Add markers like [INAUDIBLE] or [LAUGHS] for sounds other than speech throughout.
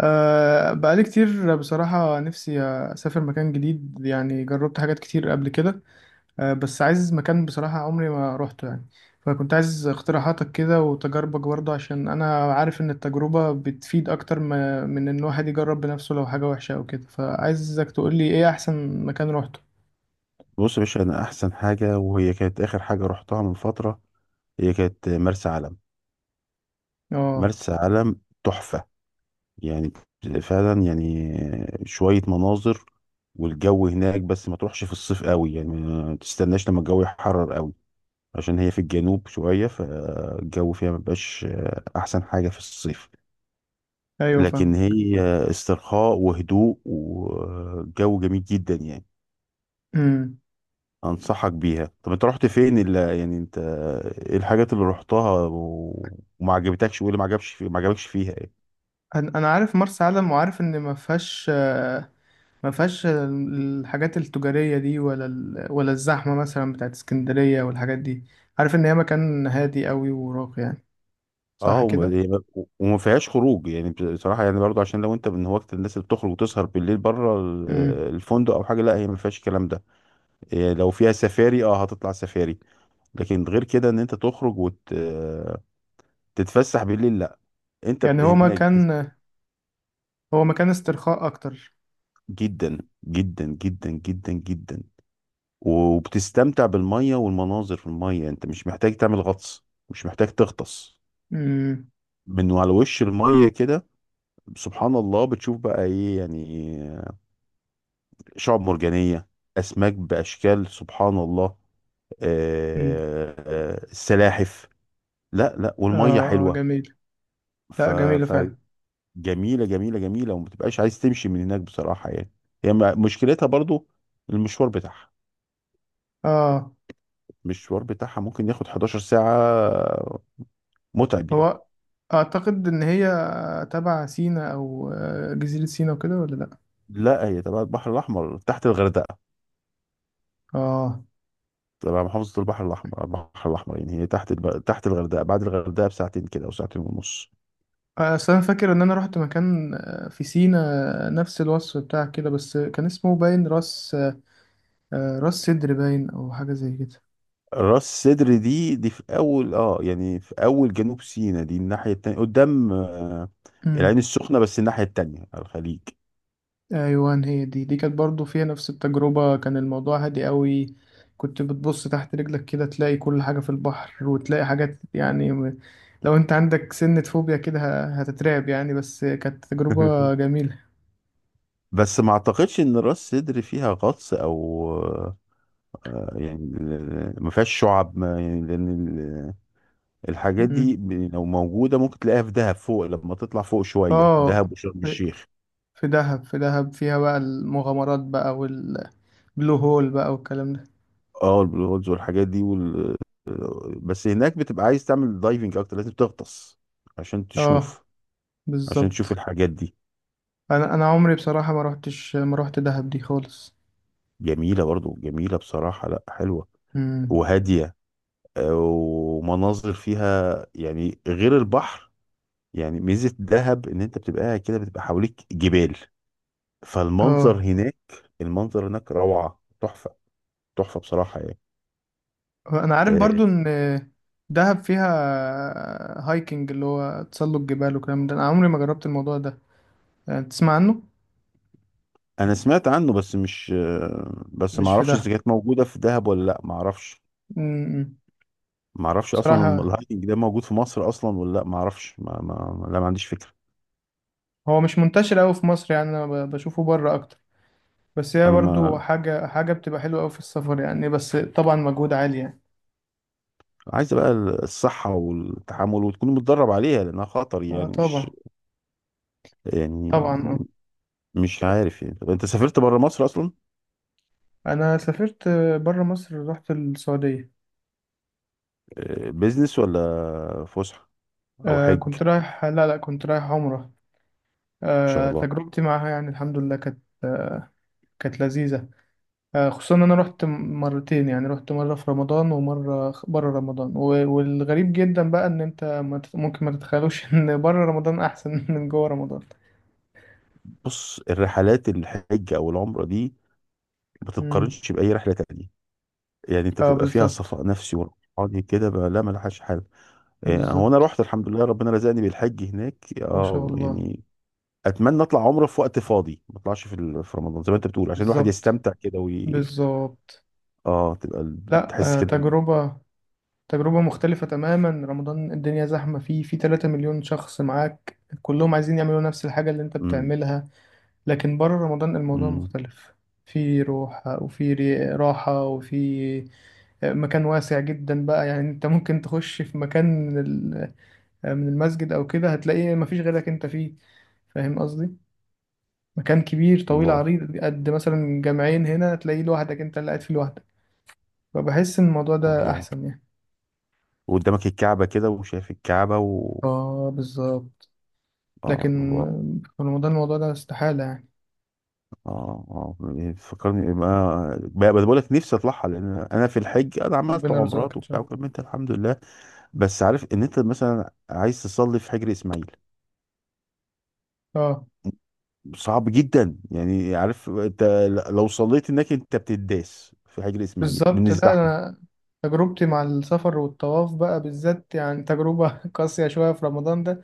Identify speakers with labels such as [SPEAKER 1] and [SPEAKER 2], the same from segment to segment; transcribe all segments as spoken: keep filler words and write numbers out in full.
[SPEAKER 1] أه بقالي كتير بصراحة، نفسي أسافر مكان جديد. يعني جربت حاجات كتير قبل كده. أه بس عايز مكان بصراحة عمري ما روحته يعني. فكنت عايز اقتراحاتك كده وتجاربك برضه، عشان أنا عارف إن التجربة بتفيد أكتر ما من إن الواحد يجرب بنفسه لو حاجة وحشة أو كده. فعايزك تقولي إيه أحسن مكان روحته.
[SPEAKER 2] بص يا باشا، انا احسن حاجه وهي كانت اخر حاجه رحتها من فتره. هي كانت مرسى علم.
[SPEAKER 1] اه.
[SPEAKER 2] مرسى علم تحفه. يعني فعلا يعني شويه مناظر والجو هناك. بس ما تروحش في الصيف قوي، يعني ما تستناش لما الجو يحرر قوي، عشان هي في الجنوب شويه، فالجو فيها ما بيبقاش احسن حاجه في الصيف.
[SPEAKER 1] أيوه، فاهم.
[SPEAKER 2] لكن هي استرخاء وهدوء وجو جميل جدا يعني.
[SPEAKER 1] [CLEARS THROAT] أمم.
[SPEAKER 2] انصحك بيها. طب انت رحت فين اللي يعني انت ايه الحاجات اللي رحتها و- وما عجبتكش، وايه اللي ما عجبش في... ما عجبكش فيها ايه؟
[SPEAKER 1] أنا أنا عارف مرسى علم، وعارف إن ما فيهاش، آه، ما فيهاش ال- الحاجات التجارية دي، ولا ال... ولا الزحمة مثلا بتاعت اسكندرية والحاجات دي. عارف إن هي مكان هادي قوي وراقي يعني. صح
[SPEAKER 2] اه
[SPEAKER 1] كده؟
[SPEAKER 2] وما وما فيهاش خروج يعني، بصراحه يعني، برضو عشان لو انت من هواة الناس اللي بتخرج وتسهر بالليل بره ال-
[SPEAKER 1] مم.
[SPEAKER 2] الفندق او حاجه، لا هي ما فيهاش الكلام ده. إيه، لو فيها سفاري، اه هتطلع سفاري، لكن غير كده ان انت تخرج وتتفسح بالليل لا. انت ب-
[SPEAKER 1] يعني هو
[SPEAKER 2] هناك
[SPEAKER 1] مكان هو مكان استرخاء أكتر.
[SPEAKER 2] جدا، جدا جدا جدا جدا، وبتستمتع بالمية والمناظر في المية. انت مش محتاج تعمل غطس، مش محتاج تغطس،
[SPEAKER 1] مم.
[SPEAKER 2] من على وش المية كده. سبحان الله، بتشوف بقى ايه يعني؟ شعب مرجانية، اسماك باشكال، سبحان الله،
[SPEAKER 1] مم.
[SPEAKER 2] آه، آه، السلاحف. لا لا والمية
[SPEAKER 1] آه. آه،
[SPEAKER 2] حلوة.
[SPEAKER 1] جميل. لا، جميلة
[SPEAKER 2] ف
[SPEAKER 1] فعلا.
[SPEAKER 2] فجميلة، جميلة جميلة، وما بتبقاش عايز تمشي من هناك بصراحة يعني. هي م- مشكلتها برضو المشوار بتاعها
[SPEAKER 1] آه.
[SPEAKER 2] المشوار بتاعها ممكن ياخد 11 ساعة، متعب يعني.
[SPEAKER 1] هو أعتقد إن هي تبع سينا، أو آه، جزيرة سينا وكده، ولا لأ؟
[SPEAKER 2] لا هي تبع البحر الأحمر تحت الغردقة،
[SPEAKER 1] آه.
[SPEAKER 2] تبع محافظة البحر الأحمر. البحر الأحمر يعني هي تحت الب... تحت الغردقة، بعد الغردقة بساعتين كده أو ساعتين ونص.
[SPEAKER 1] أصل أنا فاكر إن أنا رحت مكان آه، في سينا نفس الوصف بتاع كده، بس كان اسمه باين راس. آه، راس صدر باين او حاجه زي كده.
[SPEAKER 2] راس سدر دي دي في أول، اه يعني في أول جنوب سيناء. دي الناحية التانية قدام، آه، العين
[SPEAKER 1] امم.
[SPEAKER 2] السخنة، بس الناحية التانية على الخليج.
[SPEAKER 1] ايوه، هي دي دي كانت برضو فيها نفس التجربه. كان الموضوع هادي قوي. كنت بتبص تحت رجلك كده تلاقي كل حاجه في البحر، وتلاقي حاجات يعني م- لو انت عندك سنة فوبيا كده ه- هتترعب يعني. بس كانت تجربه
[SPEAKER 2] [LAUGHS]
[SPEAKER 1] جميله.
[SPEAKER 2] بس ما أعتقدش إن راس سدر فيها غطس أو، آه، يعني ما فيهاش شعب ما، يعني لأن الحاجات
[SPEAKER 1] امم.
[SPEAKER 2] دي، ب- لو موجودة ممكن تلاقيها في دهب، فوق لما تطلع فوق شوية،
[SPEAKER 1] اه.
[SPEAKER 2] دهب وشرم
[SPEAKER 1] في
[SPEAKER 2] الشيخ.
[SPEAKER 1] في دهب في دهب فيها بقى المغامرات بقى والبلو هول بقى والكلام ده.
[SPEAKER 2] اه البلو هولز والحاجات دي وال... بس هناك بتبقى عايز تعمل دايفنج اكتر، لازم تغطس عشان
[SPEAKER 1] اه،
[SPEAKER 2] تشوف عشان تشوف
[SPEAKER 1] بالظبط.
[SPEAKER 2] الحاجات دي.
[SPEAKER 1] انا انا عمري بصراحه ما روحتش ما روحت دهب دي خالص.
[SPEAKER 2] جميلة برضو، جميلة بصراحة، لا حلوة وهادية، آه، ومناظر فيها يعني غير البحر. يعني ميزة دهب ان انت بتبقى قاعد كده، بتبقى حواليك جبال، فالمنظر
[SPEAKER 1] اه.
[SPEAKER 2] هناك، المنظر هناك روعة، تحفة، تحفة بصراحة يعني.
[SPEAKER 1] انا عارف
[SPEAKER 2] آه،
[SPEAKER 1] برضو ان دهب فيها هايكنج، اللي هو تسلق جبال وكلام ده. انا عمري ما جربت الموضوع ده، يعني تسمع عنه.
[SPEAKER 2] انا سمعت عنه بس مش، بس ما
[SPEAKER 1] مش في
[SPEAKER 2] اعرفش اذا
[SPEAKER 1] دهب.
[SPEAKER 2] كانت موجوده في دهب ولا لا، ما اعرفش.
[SPEAKER 1] م- م.
[SPEAKER 2] ما اعرفش اصلا الم-
[SPEAKER 1] بصراحة،
[SPEAKER 2] الهايكنج ده موجود في مصر اصلا ولا لا، ما اعرفش. ما, ما لا ما عنديش فكره.
[SPEAKER 1] هو مش منتشر قوي في مصر يعني. انا ب- بشوفه بره اكتر. بس هي
[SPEAKER 2] انا
[SPEAKER 1] برضو
[SPEAKER 2] ما
[SPEAKER 1] حاجة حاجة بتبقى حلوة قوي في السفر يعني. بس طبعا مجهود عالي يعني.
[SPEAKER 2] عايز بقى الصحه والتحمل وتكون متدرب عليها، لانها خطر
[SPEAKER 1] اه،
[SPEAKER 2] يعني، مش
[SPEAKER 1] طبعا.
[SPEAKER 2] يعني
[SPEAKER 1] طبعا، اه.
[SPEAKER 2] مش عارف يعني. طب انت سافرت بره مصر اصلا؟
[SPEAKER 1] انا سافرت بره مصر، رحت السعودية.
[SPEAKER 2] آه، بيزنس ولا فسحه او
[SPEAKER 1] آه،
[SPEAKER 2] حج ان
[SPEAKER 1] كنت رايح لا، لا، كنت رايح عمرة.
[SPEAKER 2] شاء
[SPEAKER 1] آه.
[SPEAKER 2] الله؟
[SPEAKER 1] تجربتي معاها يعني الحمد لله كانت، آه، كانت لذيذة. آه، خصوصا إن أنا رحت م- مرتين. يعني رحت مرة في رمضان ومرة خ- برا رمضان. و- والغريب جدا بقى إن أنت ما تت- ممكن ما تتخيلوش [LAUGHS] إن برا رمضان أحسن [LAUGHS] من جوا رمضان.
[SPEAKER 2] بص، الرحلات الحج او العمره دي ما
[SPEAKER 1] مم.
[SPEAKER 2] تتقارنش باي رحله تانية، يعني انت
[SPEAKER 1] اه،
[SPEAKER 2] بتبقى فيها
[SPEAKER 1] بالظبط.
[SPEAKER 2] صفاء نفسي وروحاني كده بقى، لا ملهاش حل. آه، هو انا
[SPEAKER 1] بالظبط.
[SPEAKER 2] رحت الحمد لله، ربنا رزقني بالحج هناك،
[SPEAKER 1] ما شاء
[SPEAKER 2] اه
[SPEAKER 1] الله.
[SPEAKER 2] يعني. اتمنى اطلع عمره في وقت فاضي، ما اطلعش في ال- في رمضان زي ما انت بتقول، عشان الواحد
[SPEAKER 1] بالظبط.
[SPEAKER 2] يستمتع كده وي...
[SPEAKER 1] بالظبط.
[SPEAKER 2] اه تبقى ال-
[SPEAKER 1] لا،
[SPEAKER 2] تحس
[SPEAKER 1] آه،
[SPEAKER 2] كده.
[SPEAKER 1] تجربة تجربة مختلفة تماما. رمضان الدنيا زحمة فيه، في 3 مليون شخص معاك كلهم عايزين يعملوا نفس الحاجة اللي أنت
[SPEAKER 2] امم
[SPEAKER 1] بتعملها. لكن بره رمضان الموضوع
[SPEAKER 2] امم.
[SPEAKER 1] مختلف. في روح وفي ري- راحة وفي آه، مكان واسع جدا بقى يعني. انت ممكن تخش في مكان من ال- آه، من المسجد او كده، هتلاقي مفيش غيرك انت فيه. فاهم قصدي؟ مكان كبير طويل
[SPEAKER 2] الله،
[SPEAKER 1] عريض قد مثلا جامعين هنا، هتلاقيه لوحدك، انت اللي قاعد فيه لوحدك. فبحس ان الموضوع ده
[SPEAKER 2] الله.
[SPEAKER 1] احسن يعني.
[SPEAKER 2] وقدامك الكعبة كده، وشايف الكعبة و
[SPEAKER 1] اه، بالظبط. لكن
[SPEAKER 2] اه الله.
[SPEAKER 1] في رمضان الموضوع ده استحالة يعني.
[SPEAKER 2] اه اه، يعني فكرني ما بقى، بقول لك نفسي اطلعها، لان انا في الحج انا عملت
[SPEAKER 1] ربنا يرزقك
[SPEAKER 2] عمرات
[SPEAKER 1] ان شاء
[SPEAKER 2] وبتاع
[SPEAKER 1] الله.
[SPEAKER 2] وكملت الحمد لله. بس عارف ان انت مثلا عايز تصلي في حجر اسماعيل،
[SPEAKER 1] اه،
[SPEAKER 2] صعب جدا يعني، عارف انت لو صليت هناك انت بتداس في حجر اسماعيل من
[SPEAKER 1] بالظبط. لا،
[SPEAKER 2] الزحمه.
[SPEAKER 1] أنا تجربتي مع السفر والطواف بقى بالذات، يعني تجربة [LAUGHS] قاسية شوية في رمضان ده.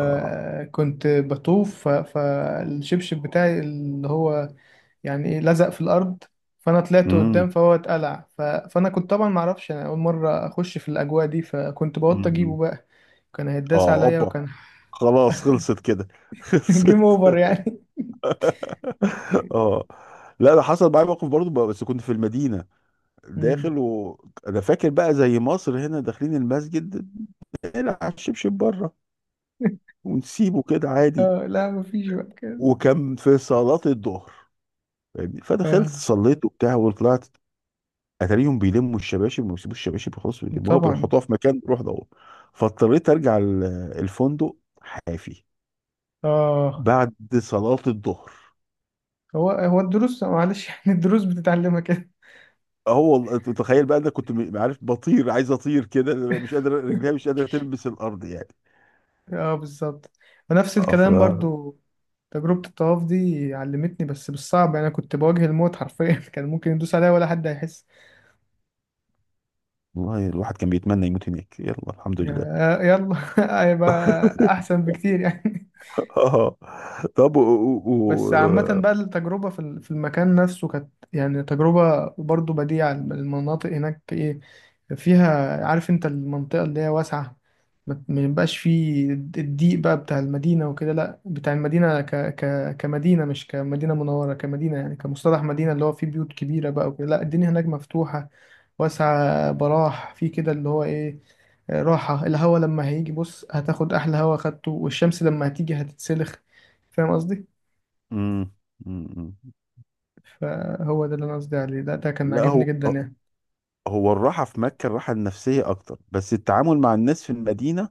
[SPEAKER 2] اه
[SPEAKER 1] كنت بطوف ف- فالشبشب بتاعي اللي هو يعني إيه، لزق في الأرض. فأنا طلعت قدام
[SPEAKER 2] امم.
[SPEAKER 1] فهو اتقلع. ف- فأنا كنت طبعا معرفش، أنا أول مرة أخش في الأجواء دي، فكنت بوط أجيبه
[SPEAKER 2] أمم.
[SPEAKER 1] بقى. كان هيتداس
[SPEAKER 2] اه
[SPEAKER 1] عليا
[SPEAKER 2] اوبا،
[SPEAKER 1] وكان
[SPEAKER 2] خلاص خلصت كده [LAUGHS]
[SPEAKER 1] [LAUGHS] جيم
[SPEAKER 2] خلصت
[SPEAKER 1] أوفر
[SPEAKER 2] [LAUGHS]
[SPEAKER 1] يعني.
[SPEAKER 2] اه لا، ده حصل معايا موقف برضه بقى- بس كنت في المدينه،
[SPEAKER 1] مم.
[SPEAKER 2] داخل وانا فاكر بقى زي مصر هنا، داخلين المسجد نلعب شبشب بره
[SPEAKER 1] [LAUGHS]
[SPEAKER 2] ونسيبه كده عادي.
[SPEAKER 1] آه، لا مفيش بقى كده.
[SPEAKER 2] وكان في صلاه الظهر، فاهمني، فدخلت
[SPEAKER 1] آه،
[SPEAKER 2] صليت وبتاع وطلعت، اتاريهم بيلموا الشباشب، وما بيسيبوش الشباشب خلاص، بيلموها
[SPEAKER 1] طبعا.
[SPEAKER 2] بيحطوها في مكان بيروح دوت. فاضطريت ارجع ال- الفندق حافي
[SPEAKER 1] آه.
[SPEAKER 2] بعد صلاة الظهر.
[SPEAKER 1] هو هو الدروس معلش [LAUGHS] يعني الدروس بتتعلمها كده.
[SPEAKER 2] اه والله، انت تخيل بقى، انا كنت م- عارف بطير، عايز اطير كده، مش قادر، رجليها
[SPEAKER 1] [LAUGHS]
[SPEAKER 2] مش قادرة تلمس الارض يعني.
[SPEAKER 1] اه، بالظبط. ونفس
[SPEAKER 2] اه ف
[SPEAKER 1] الكلام برضو. تجربة الطواف دي علمتني بس بالصعب يعني. انا كنت بواجه الموت حرفيا [LAUGHS] كان ممكن يدوس عليا ولا حد هيحس.
[SPEAKER 2] والله، الواحد كان بيتمنى يموت هناك، يلا الحمد لله.
[SPEAKER 1] يا- يلا [LAUGHS] هيبقى احسن بكتير
[SPEAKER 2] [LAUGHS]
[SPEAKER 1] يعني.
[SPEAKER 2] اه. طب و... و...
[SPEAKER 1] بس عامة
[SPEAKER 2] و...
[SPEAKER 1] بقى التجربة في ال- في المكان نفسه كانت يعني تجربة برضو بديعة. المناطق هناك ايه فيها؟ عارف انت المنطقة اللي هي واسعة. ما ما يبقاش فيه الضيق بقى بتاع المدينة وكده. لا، بتاع المدينة ك ك كمدينة، مش كمدينة منورة، كمدينة يعني كمصطلح مدينة اللي هو فيه بيوت كبيرة بقى وكده. لا، الدنيا هناك مفتوحة واسعة براح في كده اللي هو ايه، آه، راحة الهوا لما هيجي بص هتاخد أحلى هوا خدته، والشمس لما هتيجي هتتسلخ. فاهم قصدي؟
[SPEAKER 2] مم. مم. مم.
[SPEAKER 1] فهو ده اللي انا قصدي عليه. ده ده كان
[SPEAKER 2] لا
[SPEAKER 1] عاجبني
[SPEAKER 2] هو
[SPEAKER 1] جدا
[SPEAKER 2] آه.
[SPEAKER 1] يعني.
[SPEAKER 2] هو الراحة في مكة، الراحة النفسية أكتر، بس التعامل مع الناس في المدينة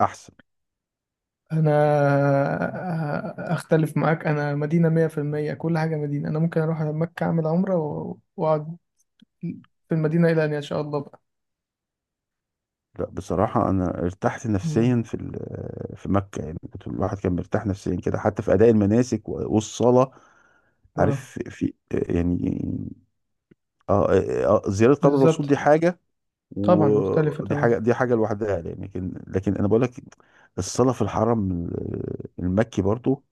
[SPEAKER 2] أحسن.
[SPEAKER 1] انا آه، اختلف معاك. انا مدينة مية في المية، كل حاجة مدينة. انا ممكن اروح على مكة اعمل عمرة و- واقعد في المدينة الى ان يشاء الله بقى.
[SPEAKER 2] لا بصراحة، أنا ارتحت
[SPEAKER 1] مم.
[SPEAKER 2] نفسيا في ال- في مكة، يعني كنت الواحد كان مرتاح نفسيا كده، حتى في أداء المناسك و- والصلاة،
[SPEAKER 1] اه،
[SPEAKER 2] عارف، في يعني آه آه، آه، آه، زيارة قبر الرسول
[SPEAKER 1] بالظبط.
[SPEAKER 2] دي حاجة،
[SPEAKER 1] طبعا مختلفة
[SPEAKER 2] ودي
[SPEAKER 1] تمام.
[SPEAKER 2] حاجة، دي حاجة لوحدها يعني. لكن لكن أنا بقول لك، الصلاة في الحرم المكي برضو،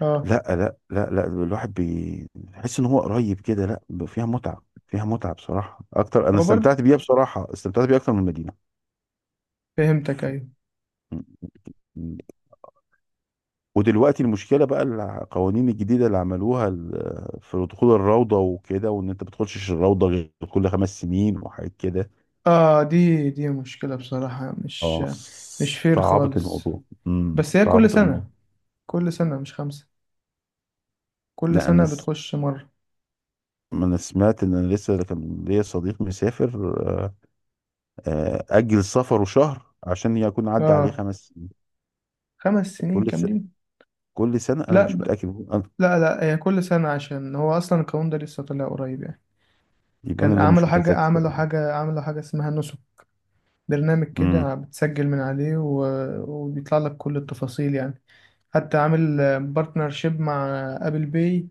[SPEAKER 1] اه.
[SPEAKER 2] لا لا لا لا، الواحد بي- بيحس ان هو قريب كده، لا ب- فيها متعة فيها متعة بصراحة اكتر، انا
[SPEAKER 1] هو برضه.
[SPEAKER 2] استمتعت بيها، بصراحة استمتعت بيها اكتر من المدينة.
[SPEAKER 1] فهمتك،
[SPEAKER 2] ف-
[SPEAKER 1] ايوه.
[SPEAKER 2] م- م- ودلوقتي المشكلة بقى، القوانين الجديدة اللي عملوها ال- في دخول الروضة وكده، وان انت بتخشش الروضة غير كل خمس سنين وحاجات كده.
[SPEAKER 1] اه، دي دي مشكلة بصراحة. مش
[SPEAKER 2] اه
[SPEAKER 1] مش فير
[SPEAKER 2] صعبت
[SPEAKER 1] خالص.
[SPEAKER 2] الموضوع، امم
[SPEAKER 1] بس هي كل
[SPEAKER 2] صعبت
[SPEAKER 1] سنة.
[SPEAKER 2] الموضوع.
[SPEAKER 1] كل سنة مش خمسة. كل
[SPEAKER 2] لا انا
[SPEAKER 1] سنة
[SPEAKER 2] س-
[SPEAKER 1] بتخش مرة.
[SPEAKER 2] انا سمعت ان، انا لسه كان ليا صديق مسافر، آه، آه، اجل سفره شهر عشان يكون عدى عليه
[SPEAKER 1] اه.
[SPEAKER 2] خمس.
[SPEAKER 1] خمس سنين
[SPEAKER 2] كل س...
[SPEAKER 1] كاملين.
[SPEAKER 2] كل سنة أنا
[SPEAKER 1] لا،
[SPEAKER 2] مش متأكد أنا.
[SPEAKER 1] لا، لا، هي كل سنة، عشان هو أصلا القانون ده لسه طلع قريب يعني.
[SPEAKER 2] يبقى أنا
[SPEAKER 1] كان
[SPEAKER 2] اللي مش
[SPEAKER 1] عملوا حاجة
[SPEAKER 2] متذكر
[SPEAKER 1] عملوا
[SPEAKER 2] بقى.
[SPEAKER 1] حاجة عملوا حاجة اسمها نسب، برنامج
[SPEAKER 2] امم
[SPEAKER 1] كده بتسجل من عليه و... وبيطلع لك كل التفاصيل يعني. حتى عامل بارتنرشيب مع أبل باي،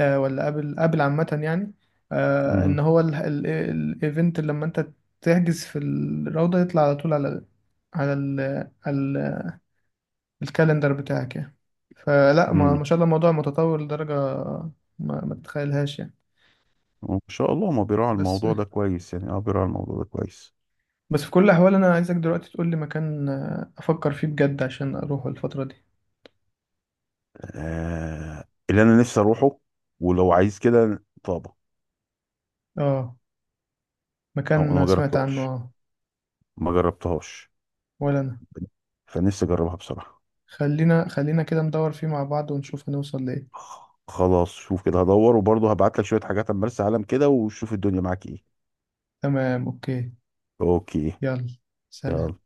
[SPEAKER 1] آه، ولا أبل أبل عامة يعني. آه، إن
[SPEAKER 2] امم
[SPEAKER 1] هو ال- ال- الإيفنت اللي لما أنت تحجز في الروضة يطلع على طول على على ال... على ال- الكالندر بتاعك يعني. فلا، ما ما
[SPEAKER 2] امم.
[SPEAKER 1] شاء الله الموضوع متطور لدرجة ما, ما تتخيلهاش يعني.
[SPEAKER 2] وإن شاء الله ما بيراعي
[SPEAKER 1] بس
[SPEAKER 2] الموضوع ده كويس يعني، أه بيراعي الموضوع ده كويس.
[SPEAKER 1] بس في كل الأحوال أنا عايزك دلوقتي تقول لي مكان، آه، أفكر فيه بجد عشان أروحه الفترة دي.
[SPEAKER 2] آه... اللي أنا نفسي أروحه، ولو عايز كده، طابة.
[SPEAKER 1] آه.
[SPEAKER 2] أو أنا ما
[SPEAKER 1] مكان سمعت عنه.
[SPEAKER 2] جربتهاش
[SPEAKER 1] آه،
[SPEAKER 2] ما جربتهاش
[SPEAKER 1] ولا أنا.
[SPEAKER 2] فنفسي أجربها بصراحة.
[SPEAKER 1] خلينا خلينا كده ندور فيه مع بعض ونشوف هنوصل لإيه.
[SPEAKER 2] خلاص، شوف كده، هدور وبرضه هبعت لك شوية حاجات عن مرسى علم كده، وشوف الدنيا معاك إيه.
[SPEAKER 1] تمام، أوكي.
[SPEAKER 2] أوكي.
[SPEAKER 1] يلا. سلام.
[SPEAKER 2] يلا.